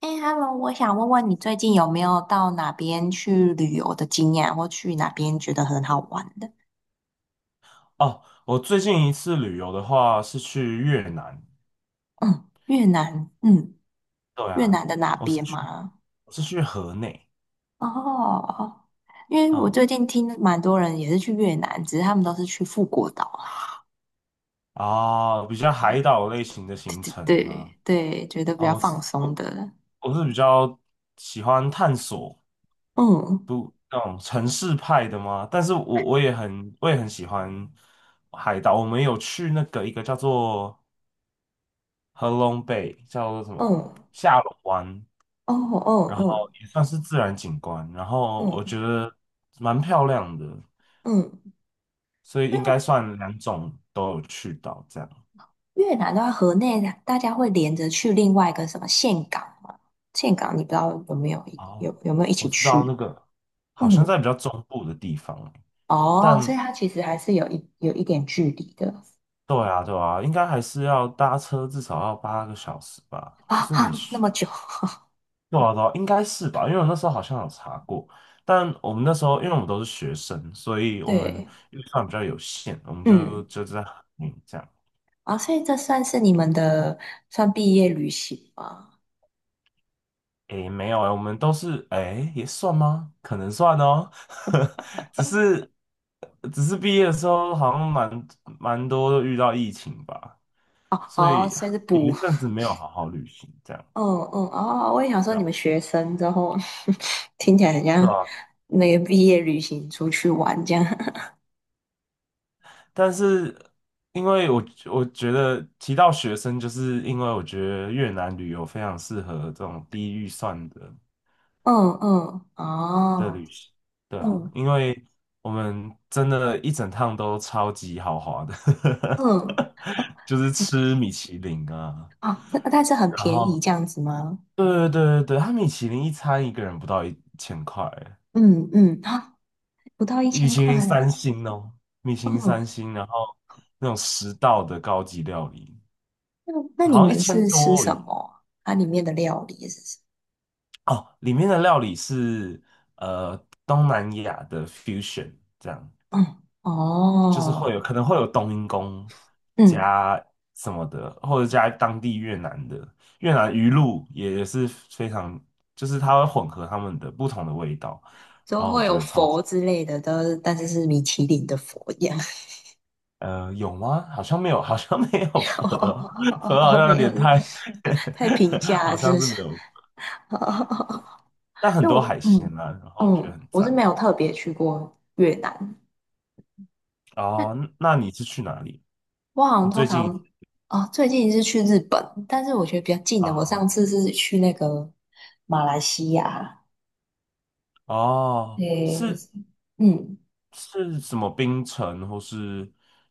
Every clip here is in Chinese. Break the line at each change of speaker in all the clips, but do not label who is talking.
哎，Hello，我想问问你最近有没有到哪边去旅游的经验，或去哪边觉得很好玩的？
哦，我最近一次旅游的话是去越南，
嗯，越南，嗯，
对
越
啊，
南的哪
我是
边
去
吗？
我是去河内。
哦，因为我
嗯，
最近听蛮多人也是去越南，只是他们都是去富国岛啊。
啊，比较海岛类型的
对
行
对
程啊。
对对，觉得比
哦，
较
我
放
是
松
我
的。
我是比较喜欢探索
嗯
那种城市派的嘛，但是我也很喜欢海岛。我们有去那个一个叫做合龙贝，叫做什
嗯，
么
哦
下龙湾，
哦
然后
哦，
也算是自然景观，然后我
嗯
觉得蛮漂亮的。
嗯，
所以应该算两种都有去到这样。
越南的话，河内大家会连着去另外一个什么岘港嘛？岘港你不知道
哦，
有没有一起
我知道那
去？
个好像在
嗯，
比较中部的地方，
哦，所以
但
它其实还是有一有一点距离的。
对啊对啊，应该还是要搭车至少要八个小时吧，
啊
就是你
哈，那
需
么久。
对啊对啊，应该是吧，因为我那时候好像有查过。但我们那时候因为我们都是学生，所以 我们
对。
预算比较有限，我们就
嗯，
就在嗯这样。
啊，所以这算是你们的算毕业旅行吗？
诶，没有诶，我们都是诶，也算吗？可能算哦，只是只是毕业的时候好像蛮多都遇到疫情吧，
哦
所
哦，
以
所以是
有一
补。
阵子没有好好旅行，这样
嗯嗯哦，我也想说
对
你
啊，
们学生之后。 听起来很
对
像
啊。
那个毕业旅行出去玩这样。
但是因为我觉得提到学生，就是因为我觉得越南旅游非常适合这种低预算的
嗯嗯
的
哦。
旅行。对啊，
嗯
因为我们真的一整趟都超级豪华的，
嗯，哦，
就是吃米其林啊。
啊，那但是很
然
便宜
后
这样子吗？
对对对对对，它米其林一餐一个人不到一千块，
嗯嗯，啊，不到一
米
千
其林
块。
三星哦，米其林三
嗯，
星，然后那种十道的高级料理，
那你
好像一
们
千
是吃
多而
什
已
么？它里面的料理是什
哦。里面的料理是呃东南亚的 fusion 这样。
么？嗯，
就是会
哦，
有可能会有冬阴功
嗯，
加什么的，或者加当地越南的越南鱼露也是非常，就是它会混合它们的不同的味道。
都会有佛之类的，但是米其林的佛一样。
呃，有吗？好像没有，好像没有 河，
哦哦哦 哦
河
哦，
好
哦
像有
没有，
点
是
太
太平 价了，
好
是
像
不
是
是？
没有。
哦哦哦哦。
但很
因为
多海
我
鲜
嗯
啊，然后觉得
嗯，
很
我是没
赞。
有特别去过越南。
哦，那你是去哪里？
我好像
你最
通
近
常哦，最近是去日本，但是我觉得比较近的，我上
啊？
次是去那个马来西亚，
哦，
诶，不
是
是，嗯，
是什么槟城或是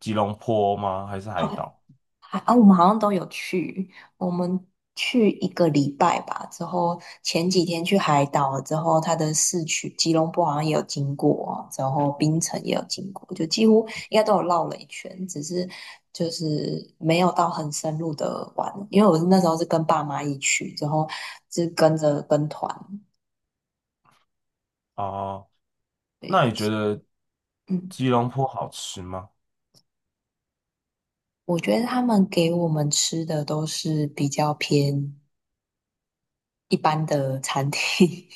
吉隆坡吗？还是海
好，
岛？
还啊，我们好像都有去，我们去一个礼拜吧，之后前几天去海岛了之后，它的市区吉隆坡好像也有经过，然后槟城也有经过，就几乎应该都有绕了一圈，只是就是没有到很深入的玩，因为我是那时候是跟爸妈一起去，之后是跟着跟团。
哦，那你
对，
觉得
嗯，
吉隆坡好吃吗？
我觉得他们给我们吃的都是比较偏一般的餐厅。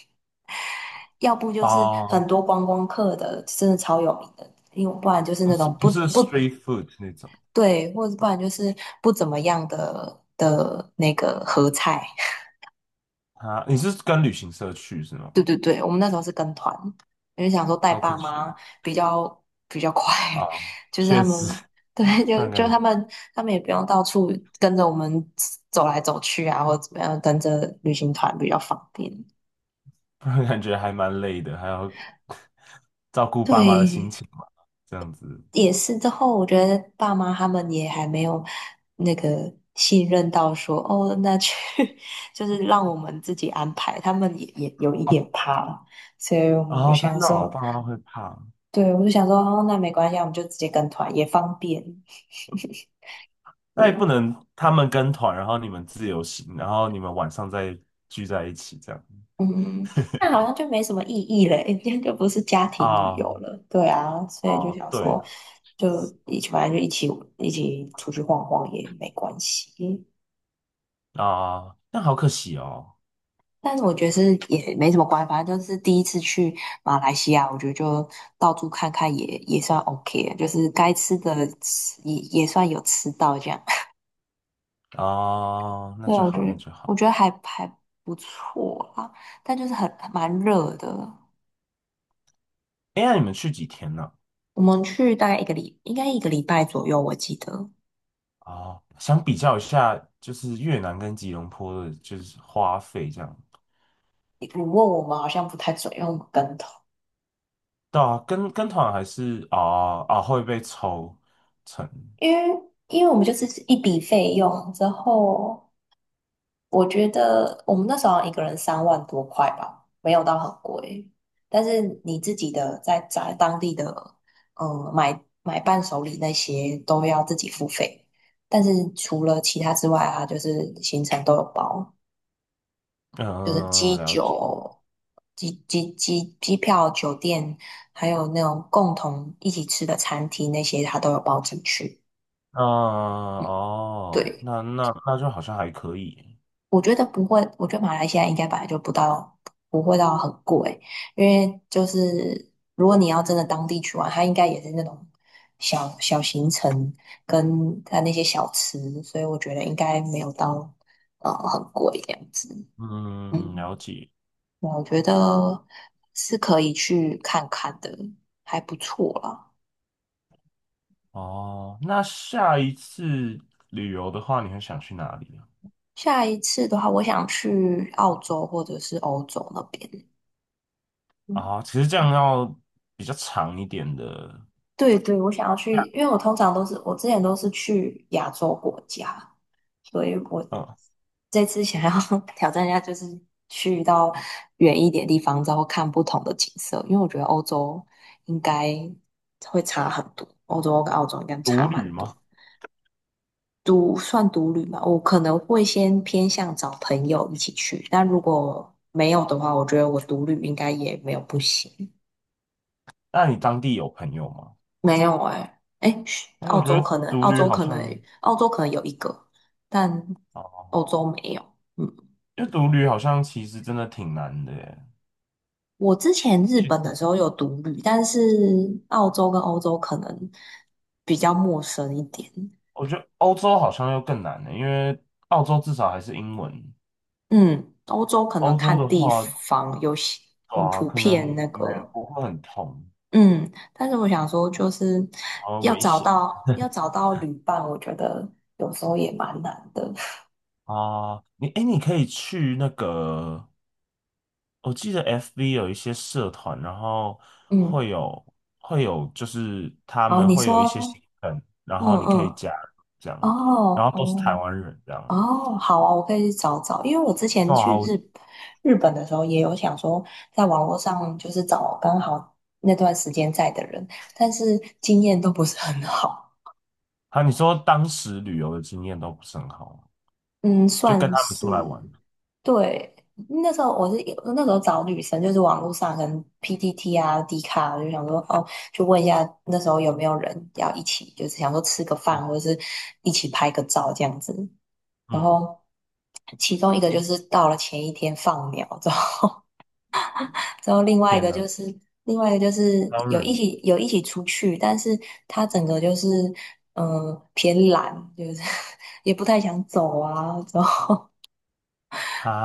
要不就是很
哦，
多观光客的，真的超有名的，因为不然就是
不
那
是
种
不
不
是
不
street food 那种
对，或者不然就是不怎么样的那个合菜。
啊。你是跟旅行社去是吗？
对对对，我们那时候是跟团，因为想说带
好
爸
可惜
妈比较比较快。
啊，
就是他
确实，
们。对，
不
就
然感
就
觉
他们也不用到处跟着我们走来走去啊，或者怎么样，跟着旅行团比较方便。
不然感觉还蛮累的，还要 照顾爸妈的心
对，
情嘛，这样子。
也是之后，我觉得爸妈他们也还没有那个信任到说，哦，那去。 就是让我们自己安排，他们也有一
哦，
点怕了，所以我们就
哦，真
想
的哦，
说。
爸妈会怕。
对，我就想说，哦，那没关系，我们就直接跟团也方便。
那也不
对，
能他们跟团，然后你们自由行，然后你们晚上再聚在一起这样。
嗯，那好像就没什么意义了，今天就不是家庭旅
啊，
游了，对啊，所以就
哦，
想
对
说，
了，
就一起，反正就一起出去晃晃也没关系。
啊，那好可惜哦。
但是我觉得是也没什么关系，反正就是第一次去马来西亚，我觉得就到处看看也算 OK 的，就是该吃的吃也算有吃到这样。
哦，那
对啊，
就
我觉
好，那
得
就好。
我觉得还不错啦，但就是很蛮热的。
哎，那你们去几天呢？
我们去大概一个礼，应该一个礼拜左右，我记得。
哦，想比较一下，就是越南跟吉隆坡的，就是花费这样。
你问我们好像不太准，用跟头，
对啊，跟团还是啊啊会被抽成。
因为因为我们就是一笔费用之后。我觉得我们那时候好像一个人三万多块吧，没有到很贵。但是你自己的在当地的，买伴手礼那些都要自己付费。但是除了其他之外啊，就是行程都有包，就是机
嗯、了解。
酒、机票、酒店，还有那种共同一起吃的餐厅那些，它都有包进去。
嗯、哦，
对，
那那那就好像还可以。
我觉得不会，我觉得马来西亚应该本来就不到，不会到很贵，因为就是如果你要真的当地去玩，它应该也是那种小小行程跟它那些小吃，所以我觉得应该没有到很贵这样子。
嗯，了
嗯，
解。
我觉得是可以去看看的，还不错啦。
哦，那下一次旅游的话，你会想去哪里呢？
下一次的话，我想去澳洲或者是欧洲那边。嗯，
啊，其实这样要比较长一点的。
对对，我想要去，因为我之前都是去亚洲国家，所以我
嗯。
这次想要。 挑战一下，就是去到远一点地方，然后看不同的景色，因为我觉得欧洲应该会差很多，欧洲跟澳洲应该差
独旅
蛮多。
吗？
算独旅嘛，我可能会先偏向找朋友一起去，但如果没有的话，我觉得我独旅应该也没有不行。
那你当地有朋友吗？
没有哎、哎，嘘
哎，我觉得独旅好像
澳洲可能有一个，但
哦，
欧洲没有。嗯，
因为独旅好像其实真的挺难的耶。
我之前日本的时候有独旅，但是澳洲跟欧洲可能比较陌生一点。
我觉得欧洲好像又更难了，因为澳洲至少还是英文。
嗯，欧洲可能
欧洲
看
的
地
话，
方有些，
对
嗯，
啊，
普
可能
遍那
没
个，
不会很痛，
嗯，但是我想说，就是
然后
要
危
找
险
到要找到旅伴，我觉得有时候也蛮难的。
啊。你哎，你可以去那个我记得 FB 有一些社团，然后
嗯，
会有会有，就是他
好，
们
你
会有一些
说，
行程，然
嗯
后你可以
嗯。
加入这
哦
样，然后都是台
哦
湾人这样。
哦，好啊，我可以去找找，因为我之前
哇，
去
我
日本的时候也有想说，在网络上就是找刚好那段时间在的人，但是经验都不是很好。
啊，你说当时旅游的经验都不是很好，
嗯，
就跟
算
他们
是
出来玩。
对。那时候我是那时候找女生，就是网络上可能 PTT 啊、d 卡，就想说哦，就问一下那时候有没有人要一起，就是想说吃个
嗯
饭或者是一起拍个照这样子。然
嗯，
后其中一个就是到了前一天放苗，之后。之后另外一
天
个就
呐，
是另外一个就是
超
有一
人
起有一起出去，但是他整个就是偏懒，就是。 也不太想走啊，之后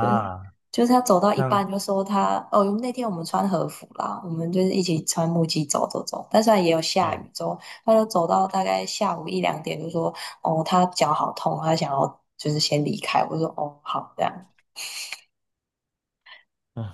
就是就是他走到
这
一
样，
半就说他哦，那天我们穿和服啦，我们就是一起穿木屐走走走，但虽然也有下
嗯
雨，之后他就走到大概下午一两点就说哦，他脚好痛，他想要就是先离开，我就说哦好这样。
嗯，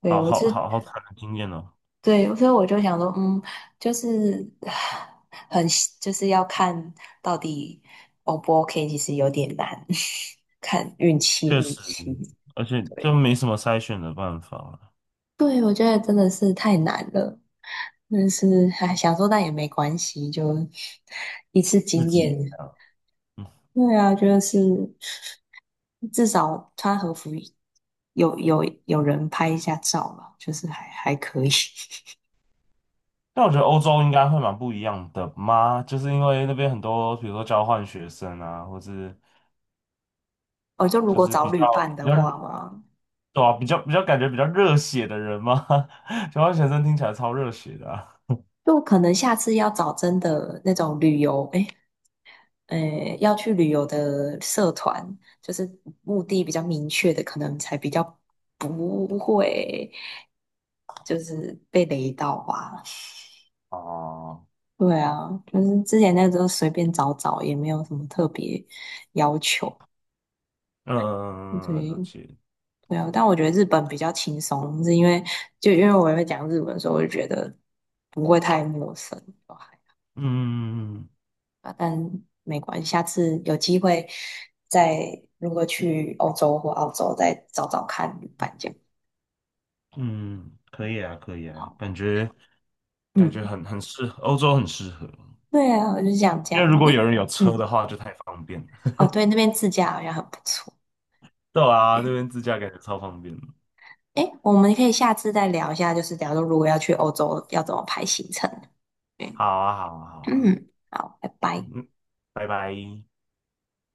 对，
好
我
好
是
好好惨的经验哦。
对，所以我就想说，嗯，就是唉很就是要看到底 O 不 OK,其实有点难。看运气
确
运
实，
气。
而且就
对，
没什么筛选的办法了，
对，我觉得真的是太难了，但是哎，想说但也没关系，就一次
自
经
己这
验。
样。
对啊，就是至少穿和服有人拍一下照嘛，就是还可以。
但我觉得欧洲应该会蛮不一样的嘛，就是因为那边很多，比如说交换学生啊，或是
哦，就如
就
果
是
找
比
旅
较
伴
比
的
较
话嘛。
对啊，比较感觉比较热血的人嘛。交换学生听起来超热血的啊。
就可能下次要找真的那种旅游，诶,要去旅游的社团，就是目的比较明确的，可能才比较不会就是被雷到吧。
哦，
对啊，就是之前那个时候随便找找，也没有什么特别要求。
嗯，了
对
解，
对啊，但我觉得日本比较轻松，是因为因为我也会讲日文，所以我就觉得不会太陌生。
嗯
啊，但没关系，下次有机会再如果去欧洲或澳洲再找找看旅伴这样。
嗯，可以啊，可以啊，
好，
感觉感
嗯，
觉很很适合，欧洲很适合，
对啊，我就想这
因为
样。
如果有
嗯
人有车
嗯，
的话就太方便了。
哦，对，那边自驾好像很不错。
对啊，那
对，
边自驾感觉超方便的
诶，我们可以下次再聊一下，就是假如要去欧洲要怎么排行程。对，
好啊，好啊，好啊，
嗯，好，拜拜。
嗯嗯，拜拜。